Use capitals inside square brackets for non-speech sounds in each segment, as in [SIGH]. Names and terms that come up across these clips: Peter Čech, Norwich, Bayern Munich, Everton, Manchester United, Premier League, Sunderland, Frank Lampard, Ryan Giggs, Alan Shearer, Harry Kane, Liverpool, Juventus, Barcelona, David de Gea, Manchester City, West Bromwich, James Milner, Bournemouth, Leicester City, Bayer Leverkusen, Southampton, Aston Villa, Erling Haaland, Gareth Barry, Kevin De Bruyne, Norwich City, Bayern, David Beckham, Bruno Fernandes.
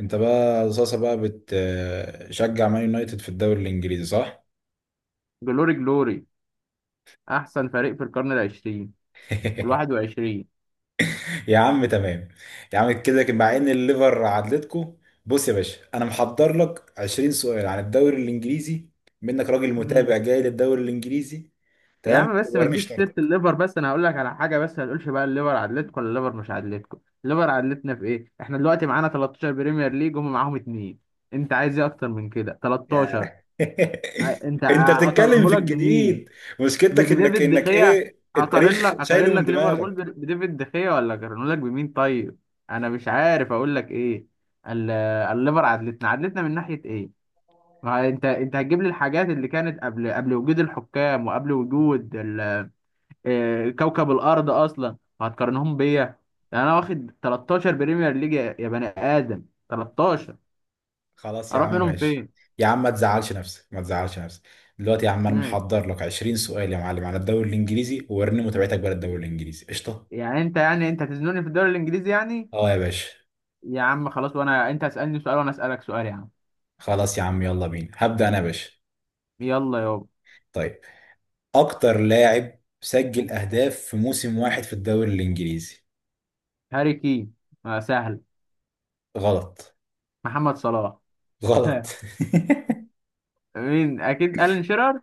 انت بقى صاصة بقى بتشجع مان يونايتد في الدوري الانجليزي صح؟ جلوري جلوري، احسن فريق في القرن العشرين [LAUGHS] والواحد وعشرين. يا عم، تمام. يا عم، كده كده مع ان الليفر عدلتكو. بص يا باشا، انا محضر لك 20 سؤال عن الدوري الانجليزي، منك راجل مم. متابع جاي للدوري الانجليزي. يا تمام، عم بس ما ورني تجيبش سيره شطارتك. الليفر، بس انا هقول لك على حاجه، بس ما تقولش بقى الليفر عدلتكم ولا الليفر مش عدلتكم. الليفر عدلتنا في ايه؟ احنا دلوقتي معانا 13 بريمير ليج، هم معاهم اتنين. انت عايز ايه اكتر من كده؟ 13. يا. [LAUGHS] انت بتتكلم اقرره في لك بمين؟ الجديد. مشكلتك انك بديفيد انك دخيا. ايه، اقارن التاريخ لك اقارن شايله من لك ليفربول دماغك. بديفيد دخيا، ولا اقارنه لك بمين طيب؟ انا مش عارف اقول لك ايه. ال- الليفر عدلتنا من ناحيه ايه؟ ما انت هتجيب لي الحاجات اللي كانت قبل وجود الحكام، وقبل وجود كوكب الارض اصلا وهتقارنهم بيا. يعني انا واخد 13 بريمير ليج، يا بني ادم، 13. خلاص يا اروح عم، منهم ماشي. فين؟ يا عم، ما تزعلش نفسك، ما تزعلش نفسك. دلوقتي يا عم، انا مم. محضر لك 20 سؤال يا معلم على الدوري الانجليزي، ووريني متابعتك بقى للدوري الانجليزي، قشطه. يعني انت هتزنوني في الدوري الانجليزي يعني؟ اه يا باشا. يا عم خلاص، وانا انت اسالني سؤال وانا اسالك سؤال يا عم. خلاص يا عم، يلا بينا، هبدأ انا يا باشا. يلا يابا. طيب. اكتر لاعب سجل اهداف في موسم واحد في الدوري الانجليزي؟ هاري كين. سهل. غلط. محمد صلاح. [LAUGHS] غلط. [LAUGHS] مين؟ اكيد الين شيرر.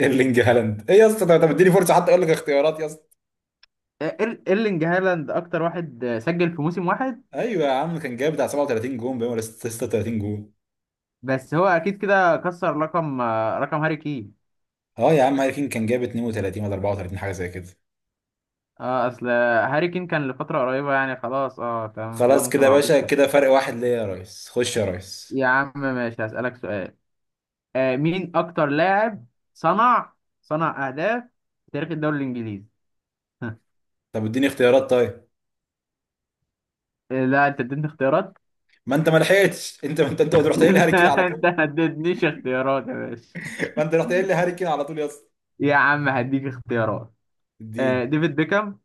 ايرلينج هالاند، ايه يا اسطى، طب اديني فرصه حتى اقول لك اختيارات يا اسطى. ايرلينج هالاند اكتر واحد، سجل في موسم واحد. ايوه يا عم، كان جايب بتاع 37 جون باين، ولا 36 جون؟ بس هو اكيد كده كسر رقم، رقم هاري كين. اه يا عم، هاري كين كان جايب 32 ولا 34، حاجه زي كده. اه اصل هاري كين كان لفتره قريبه يعني، خلاص اه تمام كده، خلاص ممكن كده يا معقولة. باشا، كده فرق واحد ليا يا ريس، خش يا ريس. يا عم ماشي، هسألك سؤال. مين اكتر لاعب صنع صنع اهداف في تاريخ الدوري الانجليزي. [LAUGHS] طب اديني اختيارات طيب. لا انت اديتني اختيارات. ما انت ما لحقتش. [LAUGHS] انت ما انت انت رحت قايل لي هاري [LAUGHS] كين على لا انت طول. ما اديتنيش اختيارات يا باشا. [LAUGHS] ما انت رحت قايل لي هاري كين على طول يا اسطى. يا عم هديك اختيارات. اديني. ديفيد بيكهام،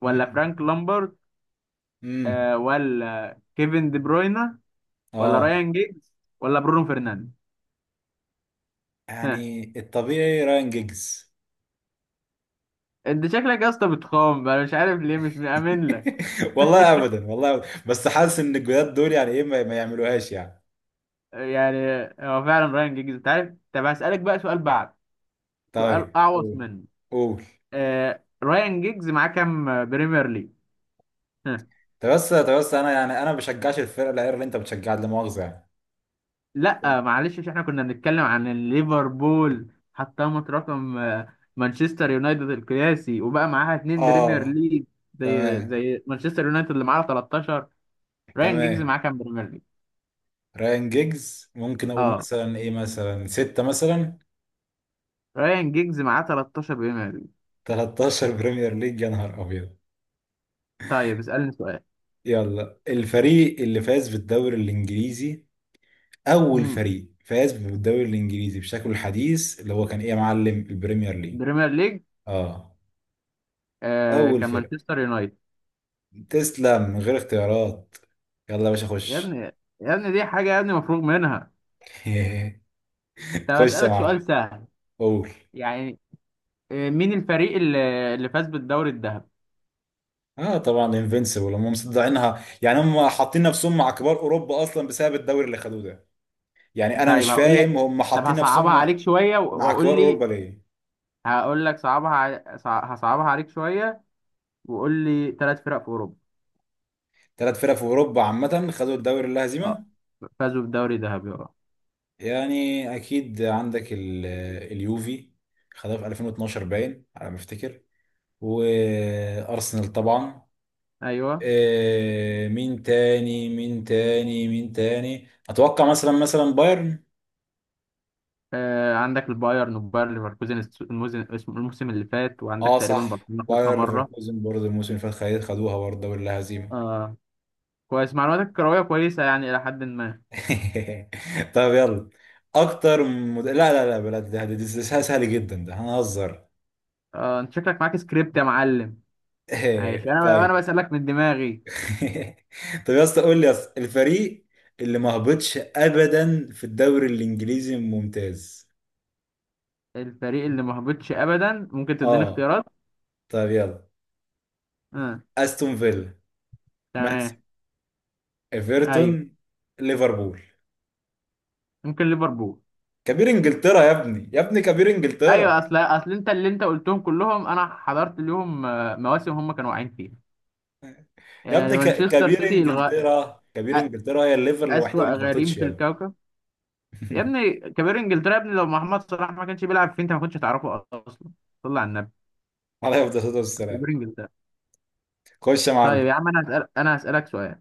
ولا امم. فرانك لامبرد، امم. ولا كيفن دي بروينا، ولا اه. رايان جيجز، ولا برونو فرنانديز. [LAUGHS] يعني الطبيعي راين جيجز. انت شكلك يا اسطى بتخام، انا مش عارف ليه مش مأمن لك. [LAUGHS] والله ابدا، والله أبداً. بس حاسس ان الجداد دول يعني ايه، ما يعملوهاش يعني. يعني هو فعلا رايان جيجز، انت عارف. طب هسألك بقى سؤال بعد سؤال طيب، اعوص قول. منه. قول. رايان جيجز معاه كام بريمير ليج؟ ها. طب بس انا ما بشجعش الفرقه الاير اللي انت بتشجعها، لا مؤاخذه يعني. لا معلش، عشان احنا كنا بنتكلم عن ليفربول حطمت رقم مانشستر يونايتد القياسي وبقى معاها اتنين بريمير اه. ليج. زي تمام. زي مانشستر يونايتد اللي معاها 13. رايان جيجز تمام. معاه كام بريمير ليج؟ رايان جيجز، ممكن اقول اه مثلا ايه، مثلا ستة مثلا. رايان جيجز معاه 13 بريمير ليج. 13 بريمير ليج، يا نهار ابيض. طيب اسألني سؤال. يلا، الفريق اللي فاز بالدوري الانجليزي. اول مم. فريق فاز بالدوري الانجليزي بشكله الحديث، اللي هو كان ايه يا معلم، البريمير ليج؟ بريمير ليج. اه. اول كان فرق. مانشستر يونايتد. تسلم من غير اختيارات. يلا يا باشا، يا ابني، خش. يا ابني دي حاجة يا ابني مفروغ منها. طب [LAUGHS] خش يا أسألك سؤال معلم. سهل. قول. يعني. مين الفريق اللي فاز بالدوري الذهبي؟ اه طبعا، انفينسيبل هم مصدعينها، يعني هم حاطين نفسهم مع كبار اوروبا اصلا بسبب الدوري اللي خدوه ده. يعني انا طيب مش هقول لك. فاهم، هم طب حاطين هصعبها نفسهم عليك شوية مع وقول كبار اوروبا لي. ليه؟ هقول لك هصعبها عليك شوية وقول لي ثلاث فرق في أوروبا. ثلاث فرق في اوروبا عامه خدوا الدوري اللا اه هزيمه. فازوا بالدوري الذهبي اه. يعني اكيد عندك اليوفي، خدها في 2012 باين على ما افتكر. وارسنال طبعا. ايوه. مين تاني، اتوقع مثلا مثلا بايرن. عندك البايرن، وبايرن ليفركوزن الموسم اللي فات، وعندك اه تقريبا صح، برشلونة خدها باير مرة. ليفركوزن برضه الموسم اللي فات خدوها برضه الدوري اللا هزيمه. آه. كويس، معلوماتك الكروية كويسة يعني إلى حد ما. [LAUGHS] طب يلا. لا لا لا بلا، ده سهل سهل جدا، ده هنهزر. اه انت شكلك معاك سكريبت يا معلم. ماشي، [LAUGHS] انا طيب. انا بسألك من دماغي. [LAUGHS] طب يا اسطى قول لي يا اسطى، الفريق اللي ما هبطش ابدا في الدوري الانجليزي الممتاز؟ الفريق اللي ما هبطش ابدا، ممكن تديني اه. اختيارات؟ طب يلا. اه. استون فيلا. مان تمام. سيتي. ايوه. ايفرتون. ليفربول. ممكن ليفربول. كبير انجلترا، يا ابني يا ابني كبير ايوه، انجلترا. اصل انت اللي انت قلتهم كلهم، انا حضرت ليهم مواسم هم كانوا واقعين فيها. يا يعني ابني، مانشستر كبير سيتي انجلترا، كبير أ- انجلترا هي الليفر الوحيده اسوأ اللي ما غريم هبطتش في يا ابني. الكوكب. يا ابني كبير انجلترا، يا ابني لو محمد صلاح ما كانش بيلعب فيه انت ما كنتش هتعرفه اصلا. صلى على النبي. [LAUGHS] عليها الصلاة والسلام. كبير انجلترا. خش يا طيب معلم. يا عم انا هسألك سؤال.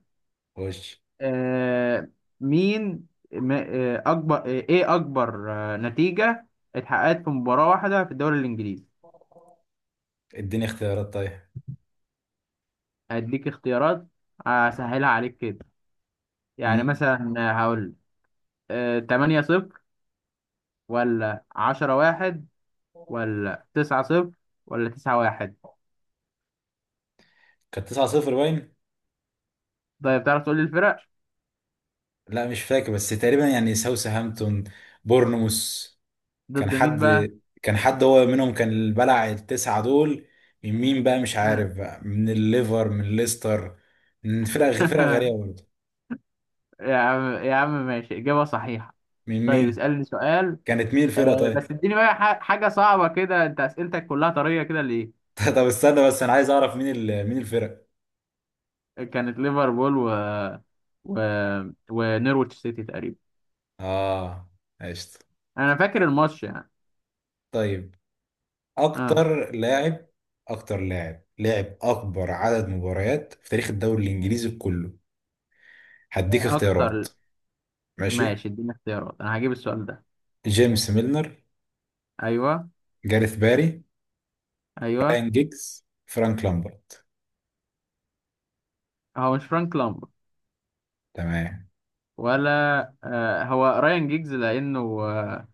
خش. آه، مين ما- آه، اكبر نتيجة اتحققت في مباراة واحدة في الدوري الانجليزي. اديني اختيارات طيب. هديك اختيارات، اسهلها عليك كده. يعني امم. مثلا هقول 8 صفر، ولا 10 واحد، ولا 9 صفر، ولا 9 واحد. كانت 9-0 باين. طيب تعرف تقول لي الفرق؟ لا مش فاكر، بس تقريبا يعني ساوثهامبتون. بورنموث. كان ضد مين حد. بقى؟ كان حد هو منهم، كان اللي بلع التسعة دول. من مين بقى، مش آه. عارف بقى، من الليفر، من ليستر. من فرق غريبة [LAUGHS] برضه. يا عم يا عم ماشي، إجابة صحيحة. من طيب مين؟ اسألني سؤال. كانت مين الفرقة بس طيب؟ اديني بقى حاجة صعبة كده، انت اسئلتك كلها طرية كده ليه؟ [LAUGHS] طب استنى بس، انا عايز اعرف مين الفرق. كانت ليفربول و... ونورويتش سيتي تقريبا. اه. قشطة. انا فاكر الماتش يعني. طيب. اه. اكتر لاعب. اكتر لاعب لاعب اكبر عدد مباريات في تاريخ الدوري الانجليزي كله. هديك اختيارات. اكتر. ماشي. ماشي اديني اختيارات، انا هجيب السؤال ده. جيمس ميلنر. ايوه. جاريث باري. ايوه. راين جيكس، فرانك لامبرد. هو مش فرانك لامبر. تمام. ولا هو رايان جيجز لانه.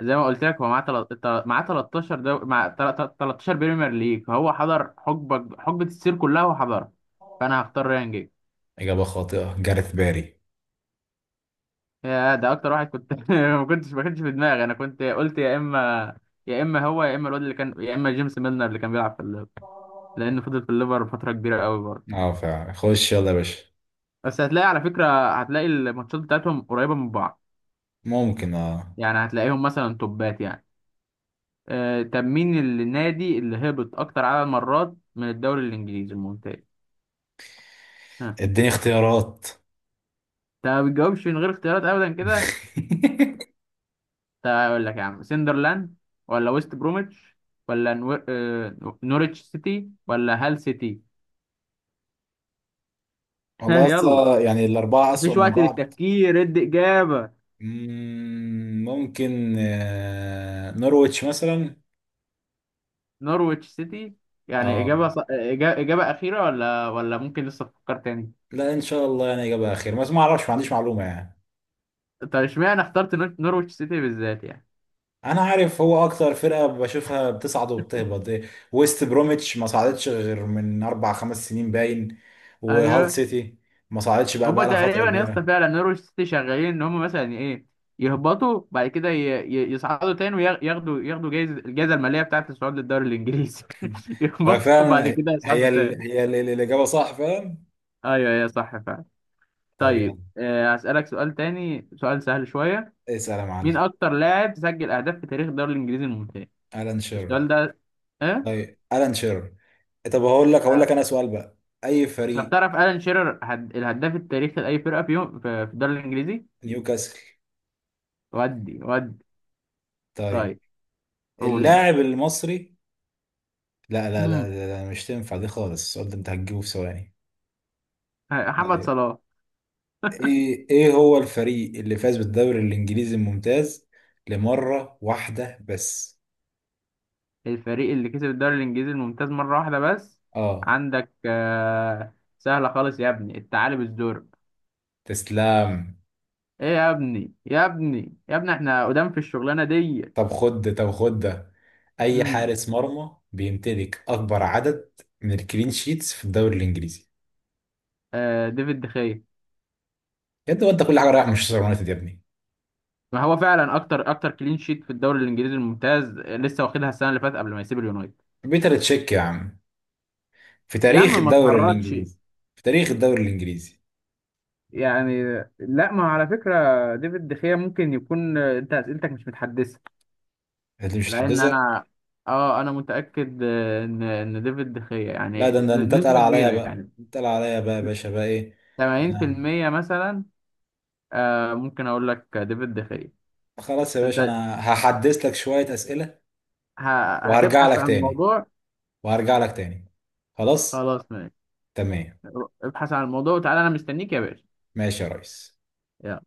زي ما قلت لك هو معاه 13 دو... مع تل- تل- 13 بريمير ليج، فهو حضر حقبه السير كلها وحضرها. فانا هختار رايان جيجز. اجابه خاطئه، جاريث باري. يا، ده اكتر واحد كنت. [LAUGHS] ما كنتش في دماغي، انا كنت قلت يا اما، يا اما هو يا اما الواد اللي كان يا اما جيمس ميلنر اللي كان بيلعب في الليفر لانه فضل في الليفر فتره كبيره قوي برضه. اه فعلا، خش يلا يا باشا. بس هتلاقي على فكره هتلاقي الماتشات بتاعتهم قريبه من بعض، ممكن اه. يعني هتلاقيهم مثلا توبات يعني. طب مين النادي اللي هبط اكتر عدد مرات من الدوري الانجليزي الممتاز؟ ها؟ اديني اختيارات. انت ما بتجاوبش من غير اختيارات ابدا كده. [LAUGHS] طب اقول لك يا عم سندرلاند، ولا ويست بروميتش، ولا نوريتش سيتي، ولا هال سيتي. ها والله يلا، اصلا يعني الاربعه اسوأ مفيش من وقت بعض. للتفكير، ادي إجابة. ممكن نورويتش مثلا. نورويتش سيتي. يعني اه. إجابة أخيرة، ولا ممكن لسه تفكر تاني؟ لا ان شاء الله، يعني اجابه خير، بس ما اعرفش، ما عنديش معلومه يعني. طب اشمعنى اخترت نورويتش سيتي بالذات يعني؟ انا عارف هو اكتر فرقه بشوفها بتصعد وبتهبط. ويست بروميتش ما صعدتش غير من اربع خمس سنين باين. وهال أيوه. سيتي. ما صعدتش بقى هما بقى لها فتره تقريبا يا اسطى كبيره. فعلا نورويتش سيتي شغالين إن هما مثلا إيه، يهبطوا بعد كده يصعدوا تاني وياخدوا الجائزة المالية بتاعة الصعود للدوري الإنجليزي. [LAUGHS] [LAUGHS] هو يهبطوا وبعد فعلا. كده يصعدوا تاني. الاجابه صح فعلا. أيوه أيوه صح فعلا. طب يلا. طيب، هسألك سؤال تاني، سؤال سهل شوية. اسال يا معلم. مين اكتر لاعب سجل اهداف في تاريخ الدوري الانجليزي الممتاز؟ الان شيرر. السؤال ده ايه؟ طيب. الان شيرر. طب هقول لك آه. انا سؤال بقى. اي طب فريق؟ تعرف الان شيرر الهداف التاريخي لاي فرقه في يوم في الدوري الانجليزي؟ نيوكاسل. ودي. طيب. طيب قول انت. اللاعب المصري. لا لا لا مم. لا لا، مش تنفع دي خالص، السؤال ده انت هتجيبه في ثواني. محمد طيب. صلاح. ايه هو الفريق اللي فاز بالدوري الانجليزي الممتاز لمرة واحدة بس؟ الفريق اللي كسب الدوري الانجليزي الممتاز مره واحده بس. اه. عندك سهله خالص يا ابني، الثعالب الزرق. تسلام. ايه يا ابني يا ابني يا ابني احنا قدام في الشغلانه دي. طب خد ده. اي امم حارس مرمى بيمتلك اكبر عدد من الكلين شيتس في الدوري الانجليزي؟ ديفيد دخيا. يا ابني وانت كل حاجه رايح مانشستر يونايتد، يا ابني. ما هو فعلا اكتر كلين شيت في الدوري الانجليزي الممتاز، لسه واخدها السنه اللي فاتت قبل ما يسيب اليونايتد. بيتر تشيك يا عم. في يا تاريخ عم ما الدوري تهرجش. الانجليزي. في تاريخ الدوري الانجليزي. يعني. لا ما على فكره ديفيد دخيا ممكن يكون، انت اسئلتك مش متحدثه، انت مش لان هتحدثها. انا اه انا متاكد ان ديفيد دخيا لا، يعني ده انت تقل نسبه عليا كبيره بقى، يعني. انت تقل عليا بقى يا باشا، بقى ايه. ده انا. 80% مثلا. ممكن اقول لك ديفيد دخيا. خلاص يا باشا، انت انا هحدث لك شوية أسئلة. وهرجع هتبحث لك عن تاني. الموضوع. وهرجع لك تاني. خلاص. خلاص ماشي. تمام. ابحث عن الموضوع وتعالى انا مستنيك يا باشا. ماشي يا ريس. يلا.